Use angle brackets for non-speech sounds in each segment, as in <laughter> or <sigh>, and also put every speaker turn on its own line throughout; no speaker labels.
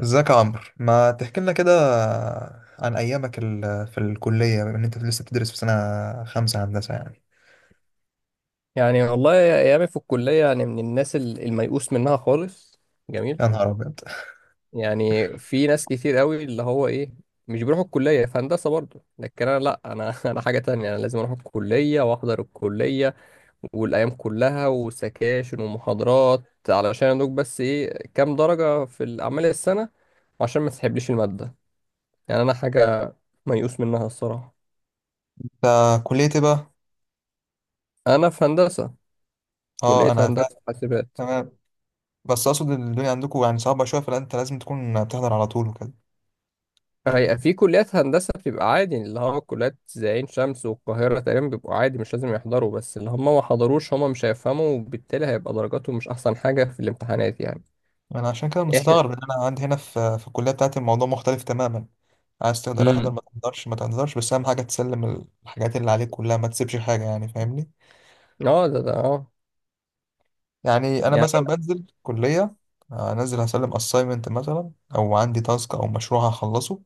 ازيك يا عمرو؟ ما تحكي لنا كده عن ايامك في الكليه، بما ان انت لسه بتدرس في سنه خمسه هندسه يعني.
يعني والله ايامي في الكليه، يعني من الناس الميؤوس منها خالص. جميل.
يا نهار ابيض!
يعني في ناس كتير قوي اللي هو ايه مش بيروحوا الكليه في هندسه برضه، لكن انا لا، انا <laughs> انا حاجه تانية، انا لازم اروح الكليه واحضر الكليه والايام كلها وسكاشن ومحاضرات، علشان ادوك بس ايه كام درجه في الاعمال السنه، عشان ما تسحبليش الماده. يعني انا حاجه ميؤوس منها الصراحه.
انت كليه ايه بقى؟
انا في هندسه.
اه،
كليه
انا فاهم.
هندسه حاسبات.
تمام. بس اقصد إن الدنيا عندكم يعني صعبه شويه، فانت لازم تكون بتحضر على طول وكده.
هي في كليات هندسة بتبقى عادي، اللي هو كليات زي عين شمس والقاهرة تقريبا بيبقوا عادي مش لازم يحضروا، بس اللي هم ما حضروش هم مش هيفهموا، وبالتالي هيبقى درجاتهم مش أحسن حاجة في الامتحانات يعني.
انا عشان كده
احنا.
مستغرب ان انا عندي هنا في الكليه بتاعتي الموضوع مختلف تماما. عايز تقدر احضر،
امم.
ما تقدرش ما تقدرش، بس اهم حاجه تسلم الحاجات اللي عليك كلها، ما تسيبش حاجه، يعني فاهمني.
اه، ده اه.
يعني انا
يعني
مثلا
انا.
بنزل كليه، انزل هسلم اساينمنت مثلا او عندي تاسك او مشروع هخلصه،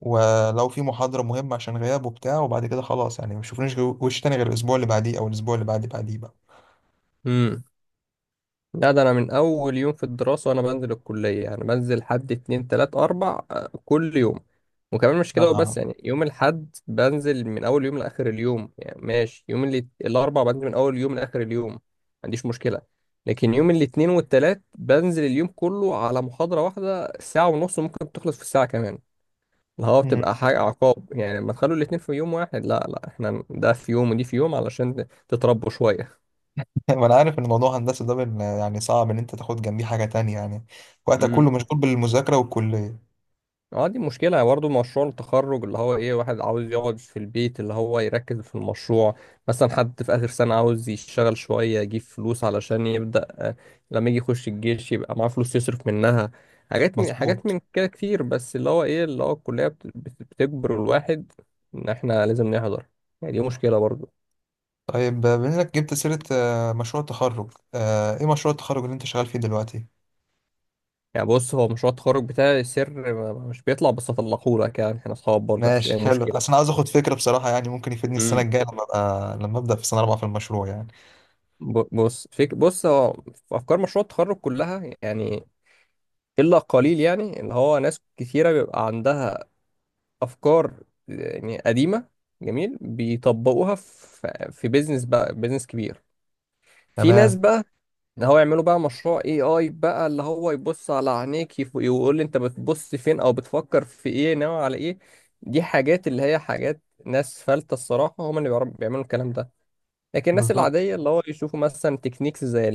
ولو في محاضره مهمه عشان غياب وبتاع، وبعد كده خلاص يعني ما بشوفنيش وش تاني غير الاسبوع اللي بعديه او الاسبوع اللي بعد بعديه بقى.
امم. لا، ده انا من اول يوم في الدراسه وانا بنزل الكليه، يعني بنزل حد اتنين تلات اربع كل يوم. وكمان مش كده وبس،
طبعا.
يعني يوم الحد بنزل من اول يوم لاخر اليوم، يعني ماشي، يوم اللي الاربع بنزل من اول يوم لاخر اليوم ما عنديش مشكله. لكن يوم الاثنين والتلات بنزل اليوم كله على محاضره واحده ساعه ونص وممكن تخلص في الساعه كمان، اللي هو
مم.
بتبقى حاجه عقاب يعني، لما تخلوا الاثنين في يوم واحد، لا لا احنا ده في يوم ودي في يوم علشان تتربوا شويه.
<laughs> وانا عارف ان موضوع هندسه ده يعني صعب ان انت تاخد جنبيه حاجه تانية، يعني وقتك
مم.
كله مشغول بالمذاكره والكليه.
اه، دي مشكلة برضه مشروع التخرج، اللي هو ايه واحد عاوز يقعد في البيت اللي هو يركز في المشروع، مثلا حد في آخر سنة عاوز يشتغل شوية يجيب فلوس علشان يبدأ لما يجي يخش الجيش يبقى معاه فلوس يصرف منها. حاجات من حاجات
مظبوط.
من كده كتير، بس اللي هو ايه اللي هو الكلية بتجبر الواحد ان احنا لازم نحضر، يعني دي مشكلة برضه.
طيب، بما انك جبت سيره مشروع التخرج، ايه مشروع التخرج اللي انت شغال فيه دلوقتي؟
يعني بص، هو مشروع التخرج بتاعي سر، مش بيطلع، بس هطلقهولك يعني احنا اصحاب برضه مفيش اي
ماشي، حلو.
مشكلة.
اصل انا عاوز اخد فكره بصراحه، يعني ممكن يفيدني السنه الجايه، لما ابقى، لما ابدا في سنه رابعه في المشروع يعني.
بص فيك، بص، هو في افكار مشروع التخرج كلها يعني الا قليل، يعني اللي هو ناس كثيره بيبقى عندها افكار يعني قديمه جميل بيطبقوها في بيزنس بقى، بيزنس كبير. في ناس
تمام.
بقى اللي هو يعملوا بقى مشروع اي اي بقى اللي هو يبص على عينيك، يقول لي انت بتبص فين او بتفكر في ايه ناوي على ايه. دي حاجات اللي هي حاجات ناس فلتة الصراحة، هم اللي بيعملوا الكلام ده. لكن الناس
بالظبط.
العادية اللي هو يشوفوا مثلا تكنيكس زي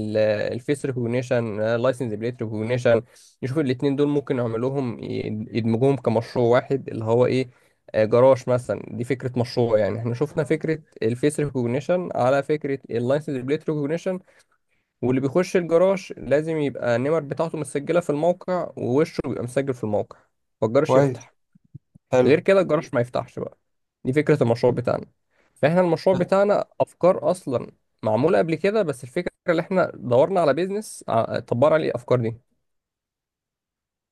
الفيس ريكوجنيشن، لايسنس بليت ريكوجنيشن، يشوفوا الاتنين دول ممكن يعملوهم، يدمجوهم كمشروع واحد اللي هو ايه جراج مثلا. دي فكرة مشروع يعني، احنا شفنا فكرة الفيس ريكوجنيشن على فكرة اللايسنس بليت ريكوجنيشن، واللي بيخش الجراج لازم يبقى النمر بتاعته مسجلة في الموقع ووشه بيبقى مسجل في الموقع، فالجراج
كويس.
يفتح. غير
حلو.
كده الجراج ما يفتحش بقى. دي فكرة المشروع بتاعنا. فاحنا المشروع بتاعنا افكار اصلا معمولة قبل كده، بس الفكرة اللي احنا دورنا على بيزنس، طبقنا عليه الافكار دي.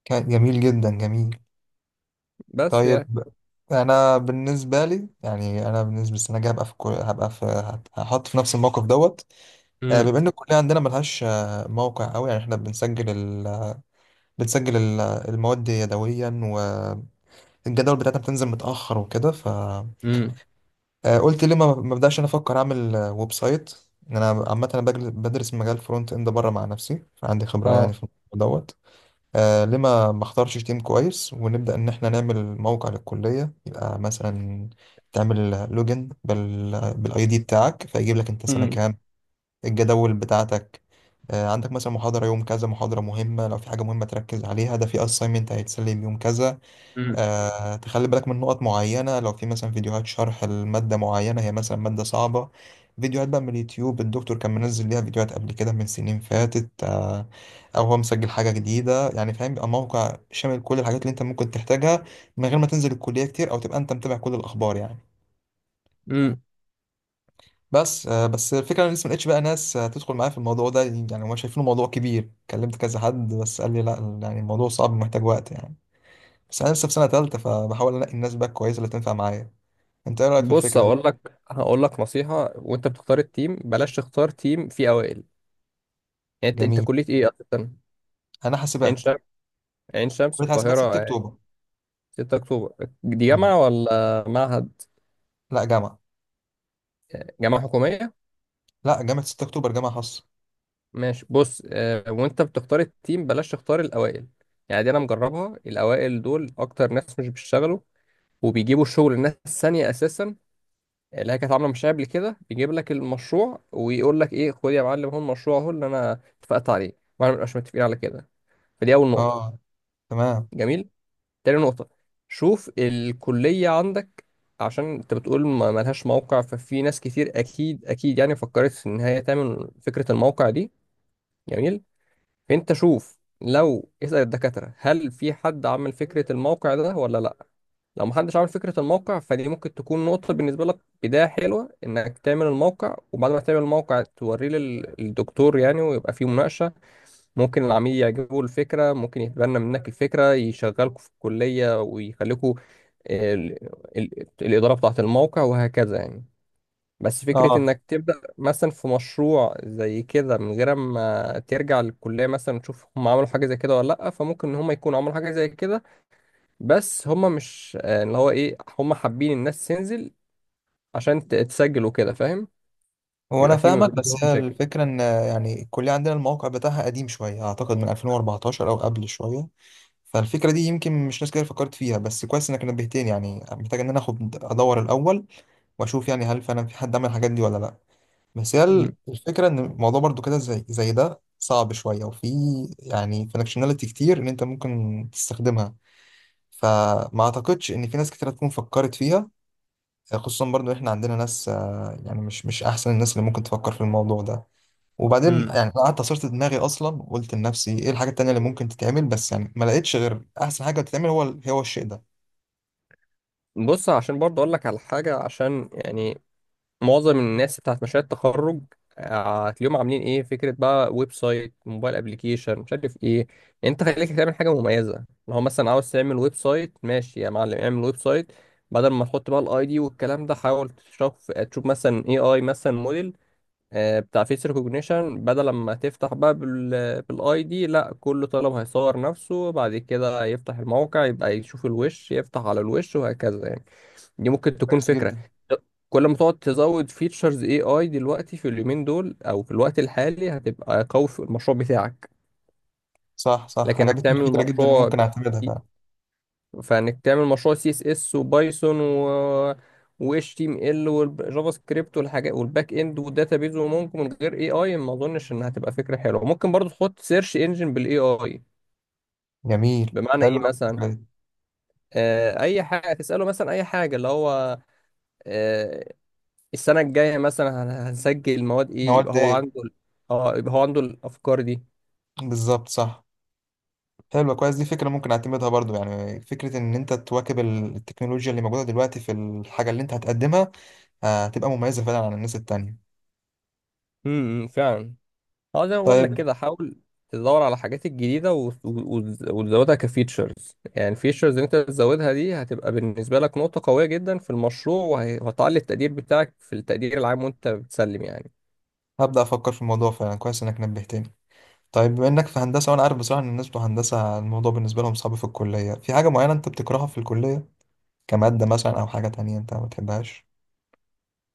كان جميل جدا، جميل.
بس
طيب،
يعني.
انا بالنسبه لي يعني، انا بالنسبه للسنه الجايه هبقى في هبقى في هحط في نفس الموقف دوت.
امم.
بما ان الكليه عندنا ملهاش موقع قوي، يعني احنا بنسجل بنسجل المواد يدويا، والجدول بتاعتنا بتنزل متاخر وكده، ف
امم.
قلت ليه ما بدأش انا افكر اعمل ويب سايت؟ ان انا عامه انا بدرس مجال فرونت اند بره مع نفسي، فعندي خبره يعني
اه.
في الموضوع دوت. آه، ليه ما اختارش تيم كويس ونبدا ان احنا نعمل موقع للكليه، يبقى مثلا تعمل لوجن بال، بالاي دي بتاعك، فيجيب لك انت سنه
امم.
كام، الجداول بتاعتك. آه، عندك مثلا محاضره يوم كذا، محاضره مهمه لو في حاجه مهمه تركز عليها، ده في اساينمنت هيتسلم يوم كذا.
امم.
تخلي بالك من نقط معينة، لو في مثلا فيديوهات شرح المادة معينة، هي مثلا مادة صعبة، فيديوهات بقى من اليوتيوب، الدكتور كان منزل ليها فيديوهات قبل كده من سنين فاتت، أو هو مسجل حاجة جديدة يعني، فاهم؟ بيبقى موقع شامل كل الحاجات اللي أنت ممكن تحتاجها من غير ما تنزل الكلية كتير، أو تبقى أنت متابع كل الأخبار يعني.
امم.
بس بس الفكرة أنا لسه ملقتش بقى ناس تدخل معايا في الموضوع ده، يعني هما شايفينه موضوع كبير، كلمت كذا حد بس قال لي لا، يعني الموضوع صعب ومحتاج وقت يعني. بس أنا لسه في سنة تالتة، فبحاول أنقي الناس بقى كويسة اللي تنفع معايا. انت ايه رايك في
بص،
الفكره دي؟
هقول لك نصيحة، وانت بتختار التيم بلاش تختار تيم فيه اوائل. يعني انت
جميل.
كلية ايه اصلا؟
انا
عين
حاسبات.
شمس، عين شمس
كليه حاسبات
القاهرة،
6
آه،
اكتوبر.
6 اكتوبر. دي
مم.
جامعة ولا معهد؟
لا، جامعه.
آه، جامعة حكومية.
لا، جامعه 6 اكتوبر جامعه خاصه.
ماشي. بص، وانت بتختار التيم بلاش تختار الاوائل، يعني دي انا مجربها، الاوائل دول اكتر ناس مش بيشتغلوا، وبيجيبوا الشغل الناس الثانيه اساسا، اللي هي كانت عامله مشاريع قبل كده، بيجيب لك المشروع ويقول لك ايه خد يا معلم هو المشروع اهو اللي انا اتفقت عليه، واحنا مبنبقاش متفقين على كده. فدي اول نقطه.
اه، تمام.
جميل. تاني نقطه، شوف الكليه عندك، عشان انت بتقول ما ملهاش موقع، ففي ناس كتير اكيد اكيد يعني فكرت في ان هي تعمل فكره الموقع دي. جميل. انت شوف لو اسأل الدكاترة هل في حد عمل فكرة الموقع ده ولا لا. لو محدش عمل فكرة الموقع فدي ممكن تكون نقطة بالنسبة لك، بداية حلوة انك تعمل الموقع، وبعد ما تعمل الموقع توريه للدكتور يعني ويبقى فيه مناقشة. ممكن العميل يعجبه الفكرة، ممكن يتبنى منك الفكرة يشغلكوا في الكلية ويخليكوا ال- الإدارة بتاعة الموقع وهكذا يعني. بس فكرة
اه،
انك تبدأ مثلا في مشروع زي كده من غير ما ترجع للكلية مثلا تشوف هم عملوا حاجة زي كده ولا لأ، فممكن ان هم يكونوا عملوا حاجة زي كده، بس هم مش اللي هو ايه هم حابين الناس تنزل عشان تسجل وكده فاهم،
هو انا
بيبقى في ما
فاهمك،
بينهم
بس هي
مشاكل.
الفكره ان يعني الكليه عندنا الموقع بتاعها قديم شويه، اعتقد من 2014 او قبل شويه. فالفكره دي يمكن مش ناس كتير فكرت فيها، بس كويس انك نبهتني، يعني محتاج ان انا اخد ادور الاول واشوف يعني هل فعلا في حد عمل الحاجات دي ولا لا. بس هي
مم.
الفكرة إن الموضوع برضو كده، زي ده صعب شوية، وفي يعني فانكشناليتي كتير إن أنت ممكن تستخدمها، فما أعتقدش إن في ناس كتير هتكون فكرت فيها، خصوصا برضو إحنا عندنا ناس، يعني مش أحسن الناس اللي ممكن تفكر في الموضوع ده. وبعدين
امم
يعني أنا قعدت عصرت دماغي أصلا، وقلت لنفسي إيه الحاجة التانية اللي ممكن تتعمل، بس يعني ما لقيتش غير أحسن حاجة تتعمل هو هو الشيء ده.
بص، عشان برضه اقول لك على حاجة، عشان يعني معظم الناس بتاعت مشاريع التخرج هتلاقيهم عاملين ايه فكره بقى ويب سايت، موبايل ابلكيشن، مش عارف ايه، يعني انت خليك تعمل حاجه مميزه. لو هو مثلا عاوز تعمل ويب سايت ماشي يا معلم اعمل ويب سايت، بدل ما تحط بقى الاي دي والكلام ده حاول تشوف، مثلا اي اي، مثلا موديل بتاع فيس ريكوجنيشن، بدل ما تفتح بقى بالاي دي، لا كل طالب هيصور نفسه بعد كده يفتح الموقع يبقى يشوف الوش يفتح على الوش وهكذا يعني. دي ممكن تكون
كويس
فكرة.
جدا.
كل ما تقعد تزود فيتشرز اي اي دلوقتي في اليومين دول او في الوقت الحالي هتبقى قوي في المشروع بتاعك.
صح صح،
لكن انك
عجبتني
تعمل
الفكرة جدا، إن
مشروع،
ممكن أعتمدها فعلا.
فانك تعمل مشروع سي اس اس وبايثون و اتش تي ام ال والجافا سكريبت والحاجات والباك اند والداتابيز وممكن من غير اي اي، ما اظنش انها هتبقى فكره حلوه. ممكن برضو تحط سيرش انجن بالاي اي.
جميل.
بمعنى
حلو
ايه
أوي
مثلا؟
الفكرة دي.
آه، اي حاجه تساله، مثلا اي حاجه اللي هو آه، السنة الجاية مثلا هنسجل مواد ايه، يبقى
مواد
هو
إيه؟
عنده اه، يبقى هو عنده الافكار دي.
بالظبط، صح. حلوة، كويس. دي فكرة ممكن اعتمدها برضو، يعني فكرة ان انت تواكب التكنولوجيا اللي موجودة دلوقتي في الحاجة اللي انت هتقدمها. آه، هتبقى مميزة فعلا عن الناس التانية.
فعلا. اه، زي ما بقول لك
طيب،
كده حاول تدور على الحاجات الجديدة وتزودها كفيتشرز، يعني الفيتشرز اللي انت تزودها دي هتبقى بالنسبة لك نقطة قوية جدا في المشروع، وهتعلي التقدير بتاعك في التقدير العام وانت بتسلم يعني.
هبدأ افكر في الموضوع فعلا، كويس انك نبهتني. طيب، بما انك في هندسة، وانا عارف بصراحة ان الناس بتوع هندسة الموضوع بالنسبة لهم صعب في الكلية، في حاجة معينة انت بتكرهها في الكلية، كمادة مثلا او حاجة تانية انت ما بتحبهاش؟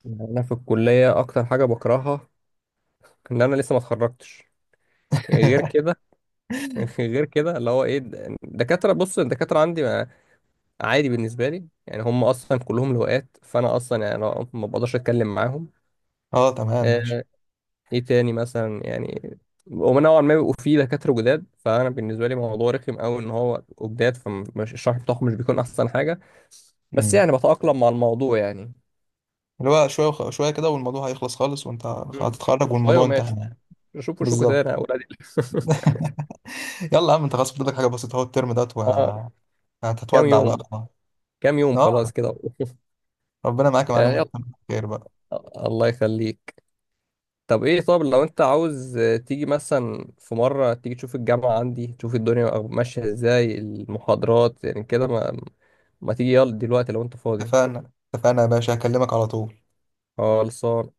يعني انا في الكلية اكتر حاجة بكرهها ان انا لسه ما اتخرجتش. غير
<laughs>
كده <laughs> غير كده اللي هو ايه الدكاترة. بص الدكاترة عندي عادي بالنسبة لي، يعني هم أصلا كلهم لواءات فأنا أصلا يعني أنا ما بقدرش أتكلم معاهم.
اه، تمام، ماشي.
آه، إيه تاني مثلا يعني؟ هما نوعا ما بيبقوا فيه دكاترة جداد، فأنا بالنسبة لي موضوع رخم أوي إن هو بيبقوا جداد، فالشرح بتاعهم مش بيكون أحسن حاجة، بس
امم،
يعني بتأقلم مع الموضوع يعني.
اللي هو شوية شوية كده والموضوع هيخلص خالص، وانت
مم.
هتتخرج
شوية
والموضوع
وماشي،
انتهى يعني.
شوفوا شو
بالظبط.
تاني يا أولادي. <laughs>
يلا يا عم، انت خلاص فاضل لك حاجه بسيطه اهو الترم دوت،
آه، كام
وهتتودع بقى
يوم،
خلاص.
كام يوم خلاص
اه،
كده.
ربنا معاك يا
<laughs>
معلم،
يا يلا،
وتتمم على خير بقى.
الله يخليك. طب ايه، طب لو انت عاوز تيجي مثلا في مرة تيجي تشوف الجامعة عندي، تشوف الدنيا ماشية ازاي المحاضرات، يعني كده، ما تيجي يلا دلوقتي لو انت فاضي.
اتفقنا اتفقنا يا باشا، هكلمك على طول.
خلصان.